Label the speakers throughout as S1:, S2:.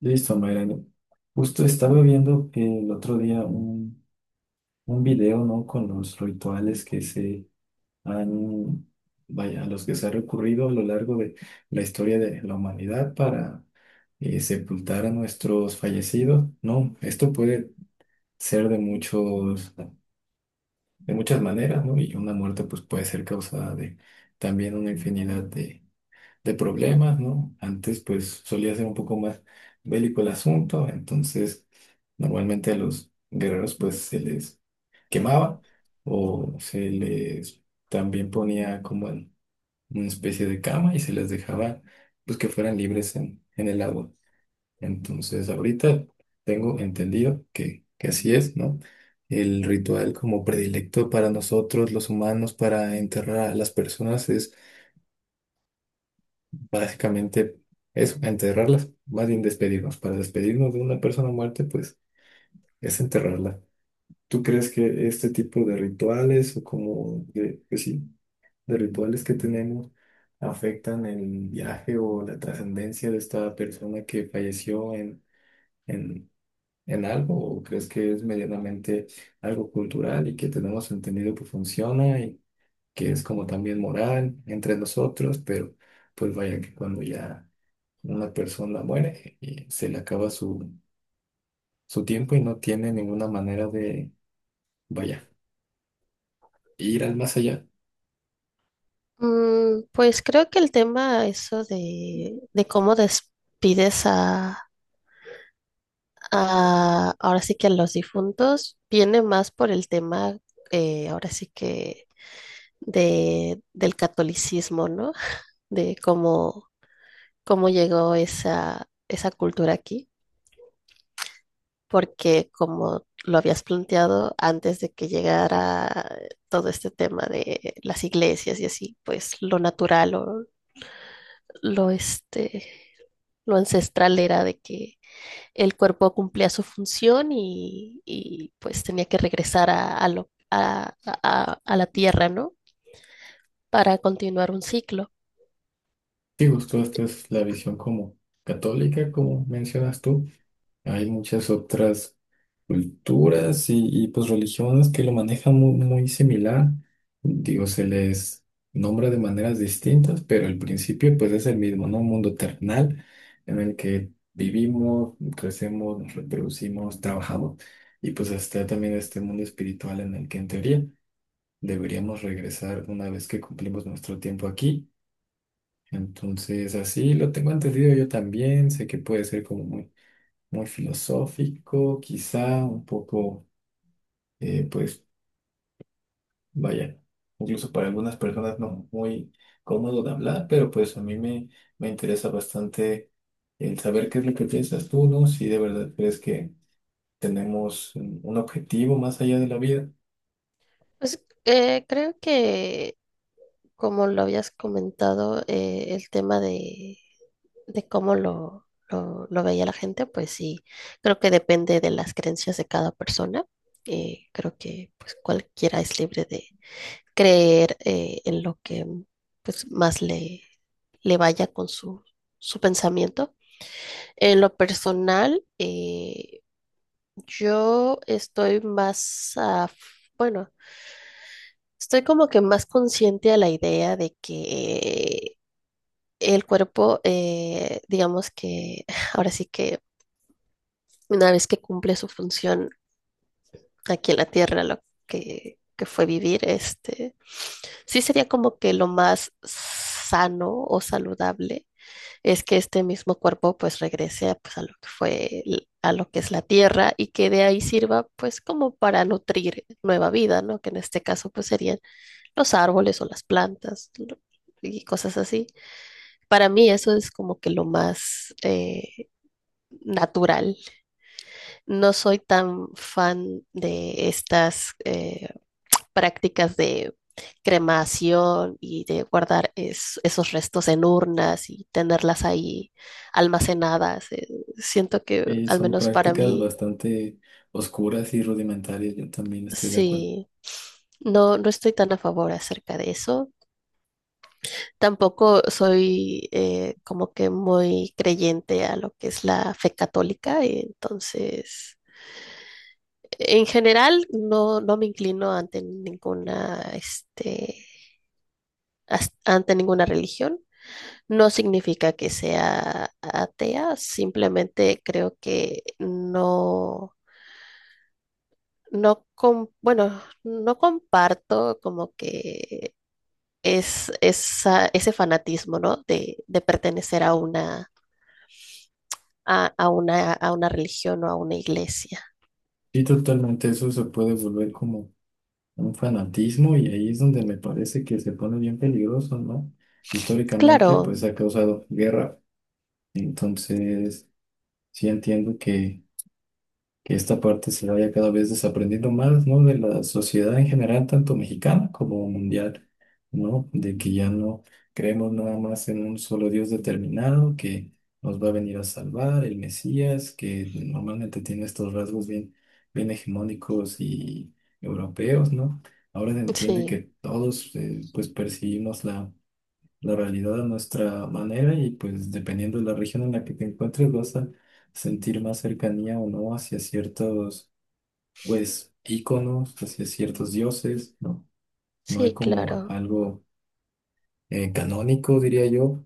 S1: Listo, Mayrani. Justo estaba viendo que el otro día un video, ¿no? Con los rituales que se han, a los que se ha recurrido a lo largo de la historia de la humanidad para sepultar a nuestros fallecidos, ¿no? Esto puede ser de de muchas maneras, ¿no? Y una muerte, pues, puede ser causada de también una infinidad de problemas, ¿no? Antes pues solía ser un poco más bélico el asunto, entonces normalmente a los guerreros pues se les quemaba o se les también ponía como en una especie de cama y se les dejaba pues que fueran libres en el agua. Entonces ahorita tengo entendido que así es, ¿no? El ritual como predilecto para nosotros los humanos para enterrar a las personas es básicamente eso, enterrarlas, más bien despedirnos. Para despedirnos de una persona muerta, pues es enterrarla. ¿Tú crees que este tipo de rituales o como de, pues sí, de rituales que tenemos afectan el viaje o la trascendencia de esta persona que falleció en, en algo? ¿O crees que es medianamente algo cultural y que tenemos entendido que funciona y que es como también moral entre nosotros? Pero pues vaya que cuando ya una persona muere y se le acaba su tiempo y no tiene ninguna manera de, vaya, ir al más allá.
S2: Pues creo que el tema eso de cómo despides ahora sí que a los difuntos viene más por el tema ahora sí que del catolicismo, ¿no? De cómo llegó esa cultura aquí, porque como lo habías planteado antes de que llegara todo este tema de las iglesias y así, pues lo natural o lo, lo ancestral era de que el cuerpo cumplía su función y pues tenía que regresar a, lo- a la tierra, ¿no? Para continuar un ciclo.
S1: Digo, esta es la visión como católica, como mencionas tú. Hay muchas otras culturas y pues religiones que lo manejan muy, muy similar. Digo, se les nombra de maneras distintas, pero el principio pues es el mismo, ¿no? Un mundo terrenal en el que vivimos, crecemos, nos reproducimos, trabajamos. Y pues está también este mundo espiritual en el que en teoría deberíamos regresar una vez que cumplimos nuestro tiempo aquí. Entonces, así lo tengo entendido yo también. Sé que puede ser como muy, muy filosófico, quizá un poco pues vaya, incluso para algunas personas no muy cómodo de hablar, pero pues a me interesa bastante el saber qué es lo que piensas tú, ¿no? Si de verdad crees que tenemos un objetivo más allá de la vida.
S2: Pues creo que, como lo habías comentado, el tema de cómo lo veía la gente, pues sí, creo que depende de las creencias de cada persona. Creo que pues cualquiera es libre de creer en lo que pues, más le vaya con su, su pensamiento. En lo personal, yo estoy más, bueno, estoy como que más consciente a la idea de que el cuerpo, digamos que ahora sí que una vez que cumple su función aquí en la Tierra, que fue vivir, este, sí sería como que lo más sano o saludable es que este mismo cuerpo pues regrese pues, a lo que fue, a lo que es la tierra y que de ahí sirva pues como para nutrir nueva vida, ¿no? Que en este caso pues serían los árboles o las plantas, ¿no? Y cosas así. Para mí eso es como que lo más natural. No soy tan fan de estas prácticas de cremación y de guardar esos restos en urnas y tenerlas ahí almacenadas. Siento que,
S1: Y
S2: al
S1: son
S2: menos para
S1: prácticas
S2: mí,
S1: bastante oscuras y rudimentarias, yo también estoy de acuerdo.
S2: sí, no, no estoy tan a favor acerca de eso. Tampoco soy como que muy creyente a lo que es la fe católica, y entonces... En general, no, no me inclino ante ninguna, este, ante ninguna religión. No significa que sea atea, simplemente creo que no, bueno, no comparto como que ese fanatismo, ¿no? De pertenecer a una, a una, a una religión o a una iglesia.
S1: Sí, totalmente, eso se puede volver como un fanatismo y ahí es donde me parece que se pone bien peligroso, ¿no? Históricamente,
S2: Claro,
S1: pues ha causado guerra, entonces sí entiendo que esta parte se vaya cada vez desaprendiendo más, ¿no? De la sociedad en general, tanto mexicana como mundial, ¿no? De que ya no creemos nada más en un solo Dios determinado que nos va a venir a salvar, el Mesías, que normalmente tiene estos rasgos bien hegemónicos y europeos, ¿no? Ahora se entiende
S2: sí,
S1: que todos, pues, percibimos la realidad a nuestra manera y pues dependiendo de la región en la que te encuentres vas a sentir más cercanía o no hacia ciertos pues íconos, hacia ciertos dioses, ¿no? No hay
S2: sí,
S1: como
S2: claro,
S1: algo canónico, diría yo,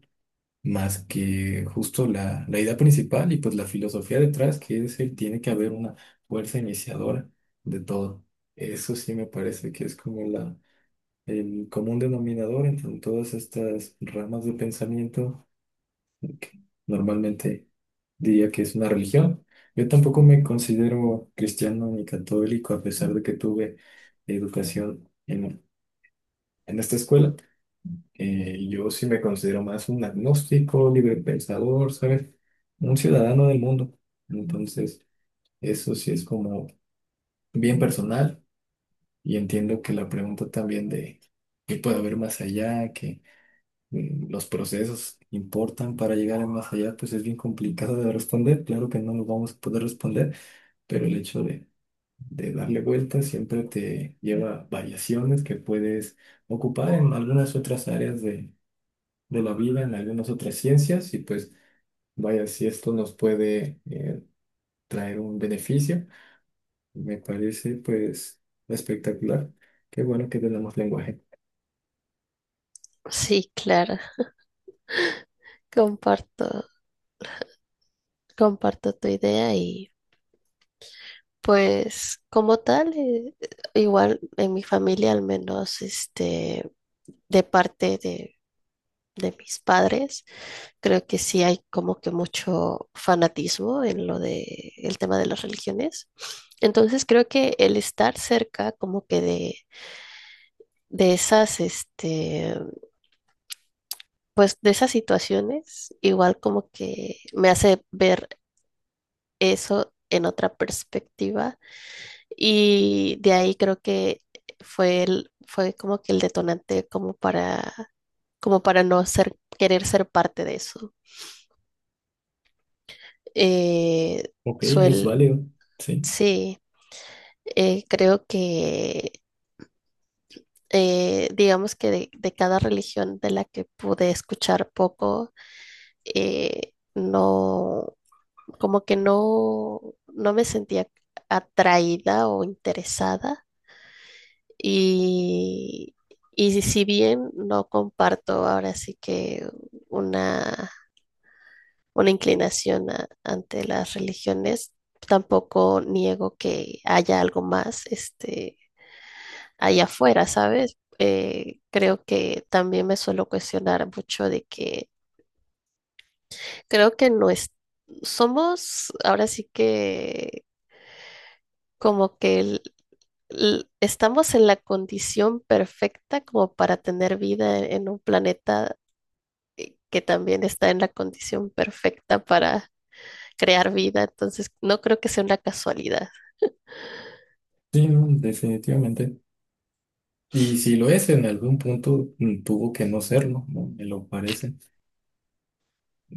S1: más que justo la idea principal y pues la filosofía detrás, que es el tiene que haber una fuerza iniciadora de todo. Eso sí me parece que es como el común denominador entre todas estas ramas de pensamiento, normalmente diría que es una religión. Yo tampoco me considero cristiano ni católico, a pesar de que tuve educación en esta escuela. Yo sí me considero más un agnóstico, libre pensador, ¿sabes? Un ciudadano del mundo. Entonces, eso sí es como bien personal y entiendo que la pregunta también de qué puede haber más allá, que los procesos importan para llegar al más allá, pues es bien complicado de responder. Claro que no lo vamos a poder responder, pero el hecho de darle vueltas siempre te lleva a variaciones que puedes ocupar en algunas otras áreas de la vida, en algunas otras ciencias, y pues vaya, si esto nos puede traer un beneficio, me parece pues espectacular. Qué bueno que tenemos lenguaje.
S2: sí, claro. Comparto, comparto tu idea. Y pues como tal, igual en mi familia al menos, este, de parte de mis padres, creo que sí hay como que mucho fanatismo en lo de el tema de las religiones. Entonces creo que el estar cerca como que de esas, este, pues de esas situaciones, igual como que me hace ver eso en otra perspectiva. Y de ahí creo que fue fue como que el detonante como para, como para no querer ser parte de eso. Eh,
S1: Ok, es
S2: suel,
S1: válido. Sí,
S2: sí, creo que digamos que de cada religión de la que pude escuchar poco, no, como que no, no me sentía atraída o interesada. Y, y si bien no comparto ahora sí que una, una inclinación ante las religiones, tampoco niego que haya algo más este, allá afuera, ¿sabes? Creo que también me suelo cuestionar mucho de que creo que no es, somos ahora sí que como que estamos en la condición perfecta como para tener vida en un planeta que también está en la condición perfecta para crear vida, entonces no creo que sea una casualidad.
S1: sí, no, definitivamente. Y si lo es, en algún punto tuvo que no serlo, ¿no? Me lo parece.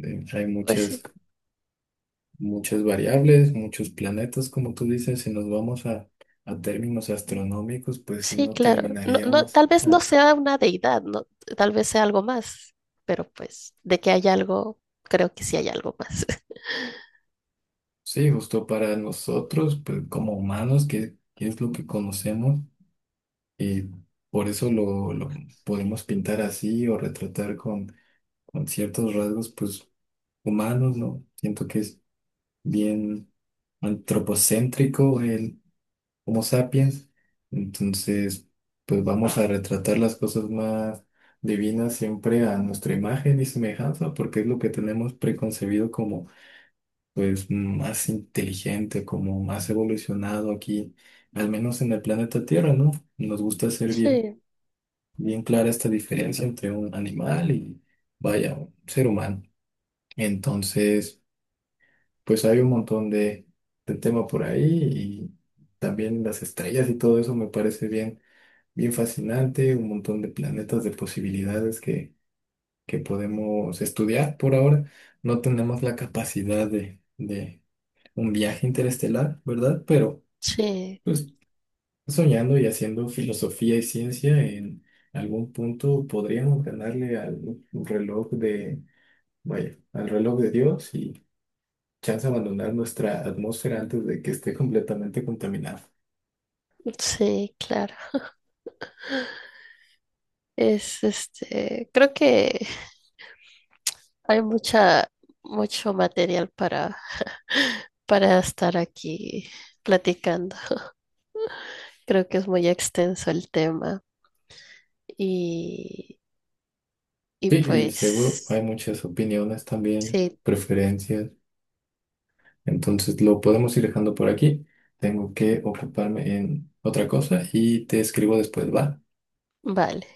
S1: Eh, hay
S2: Pues
S1: muchas,
S2: sí,
S1: muchas variables, muchos planetas, como tú dices, si nos vamos a términos astronómicos, pues si
S2: sí,
S1: no
S2: claro. No, no,
S1: terminaríamos.
S2: tal vez no
S1: Ah,
S2: sea una deidad, no, tal vez sea algo más, pero pues de que hay algo, creo que sí hay algo más.
S1: sí, justo para nosotros, pues, como humanos, que es lo que conocemos, y por eso lo podemos pintar así o retratar con ciertos rasgos, pues humanos, ¿no? Siento que es bien antropocéntrico el Homo sapiens. Entonces, pues vamos a retratar las cosas más divinas siempre a nuestra imagen y semejanza, porque es lo que tenemos preconcebido como pues más inteligente, como más evolucionado aquí, al menos en el planeta Tierra, ¿no? Nos gusta hacer
S2: Sí,
S1: bien clara esta diferencia entre un animal y, vaya, un ser humano. Entonces, pues hay un montón de tema por ahí y también las estrellas y todo eso me parece bien fascinante, un montón de planetas, de posibilidades que podemos estudiar por ahora. No tenemos la capacidad de un viaje interestelar, ¿verdad? Pero
S2: sí,
S1: pues soñando y haciendo filosofía y ciencia, en algún punto podríamos ganarle al reloj de, vaya, al reloj de Dios y chance abandonar nuestra atmósfera antes de que esté completamente contaminada.
S2: sí, claro. Es este, creo que hay mucha, mucho material para estar aquí platicando. Creo que es muy extenso el tema. Y y
S1: Sí, y seguro hay
S2: pues,
S1: muchas opiniones también,
S2: sí,
S1: preferencias. Entonces lo podemos ir dejando por aquí. Tengo que ocuparme en otra cosa y te escribo después, ¿va?
S2: vale.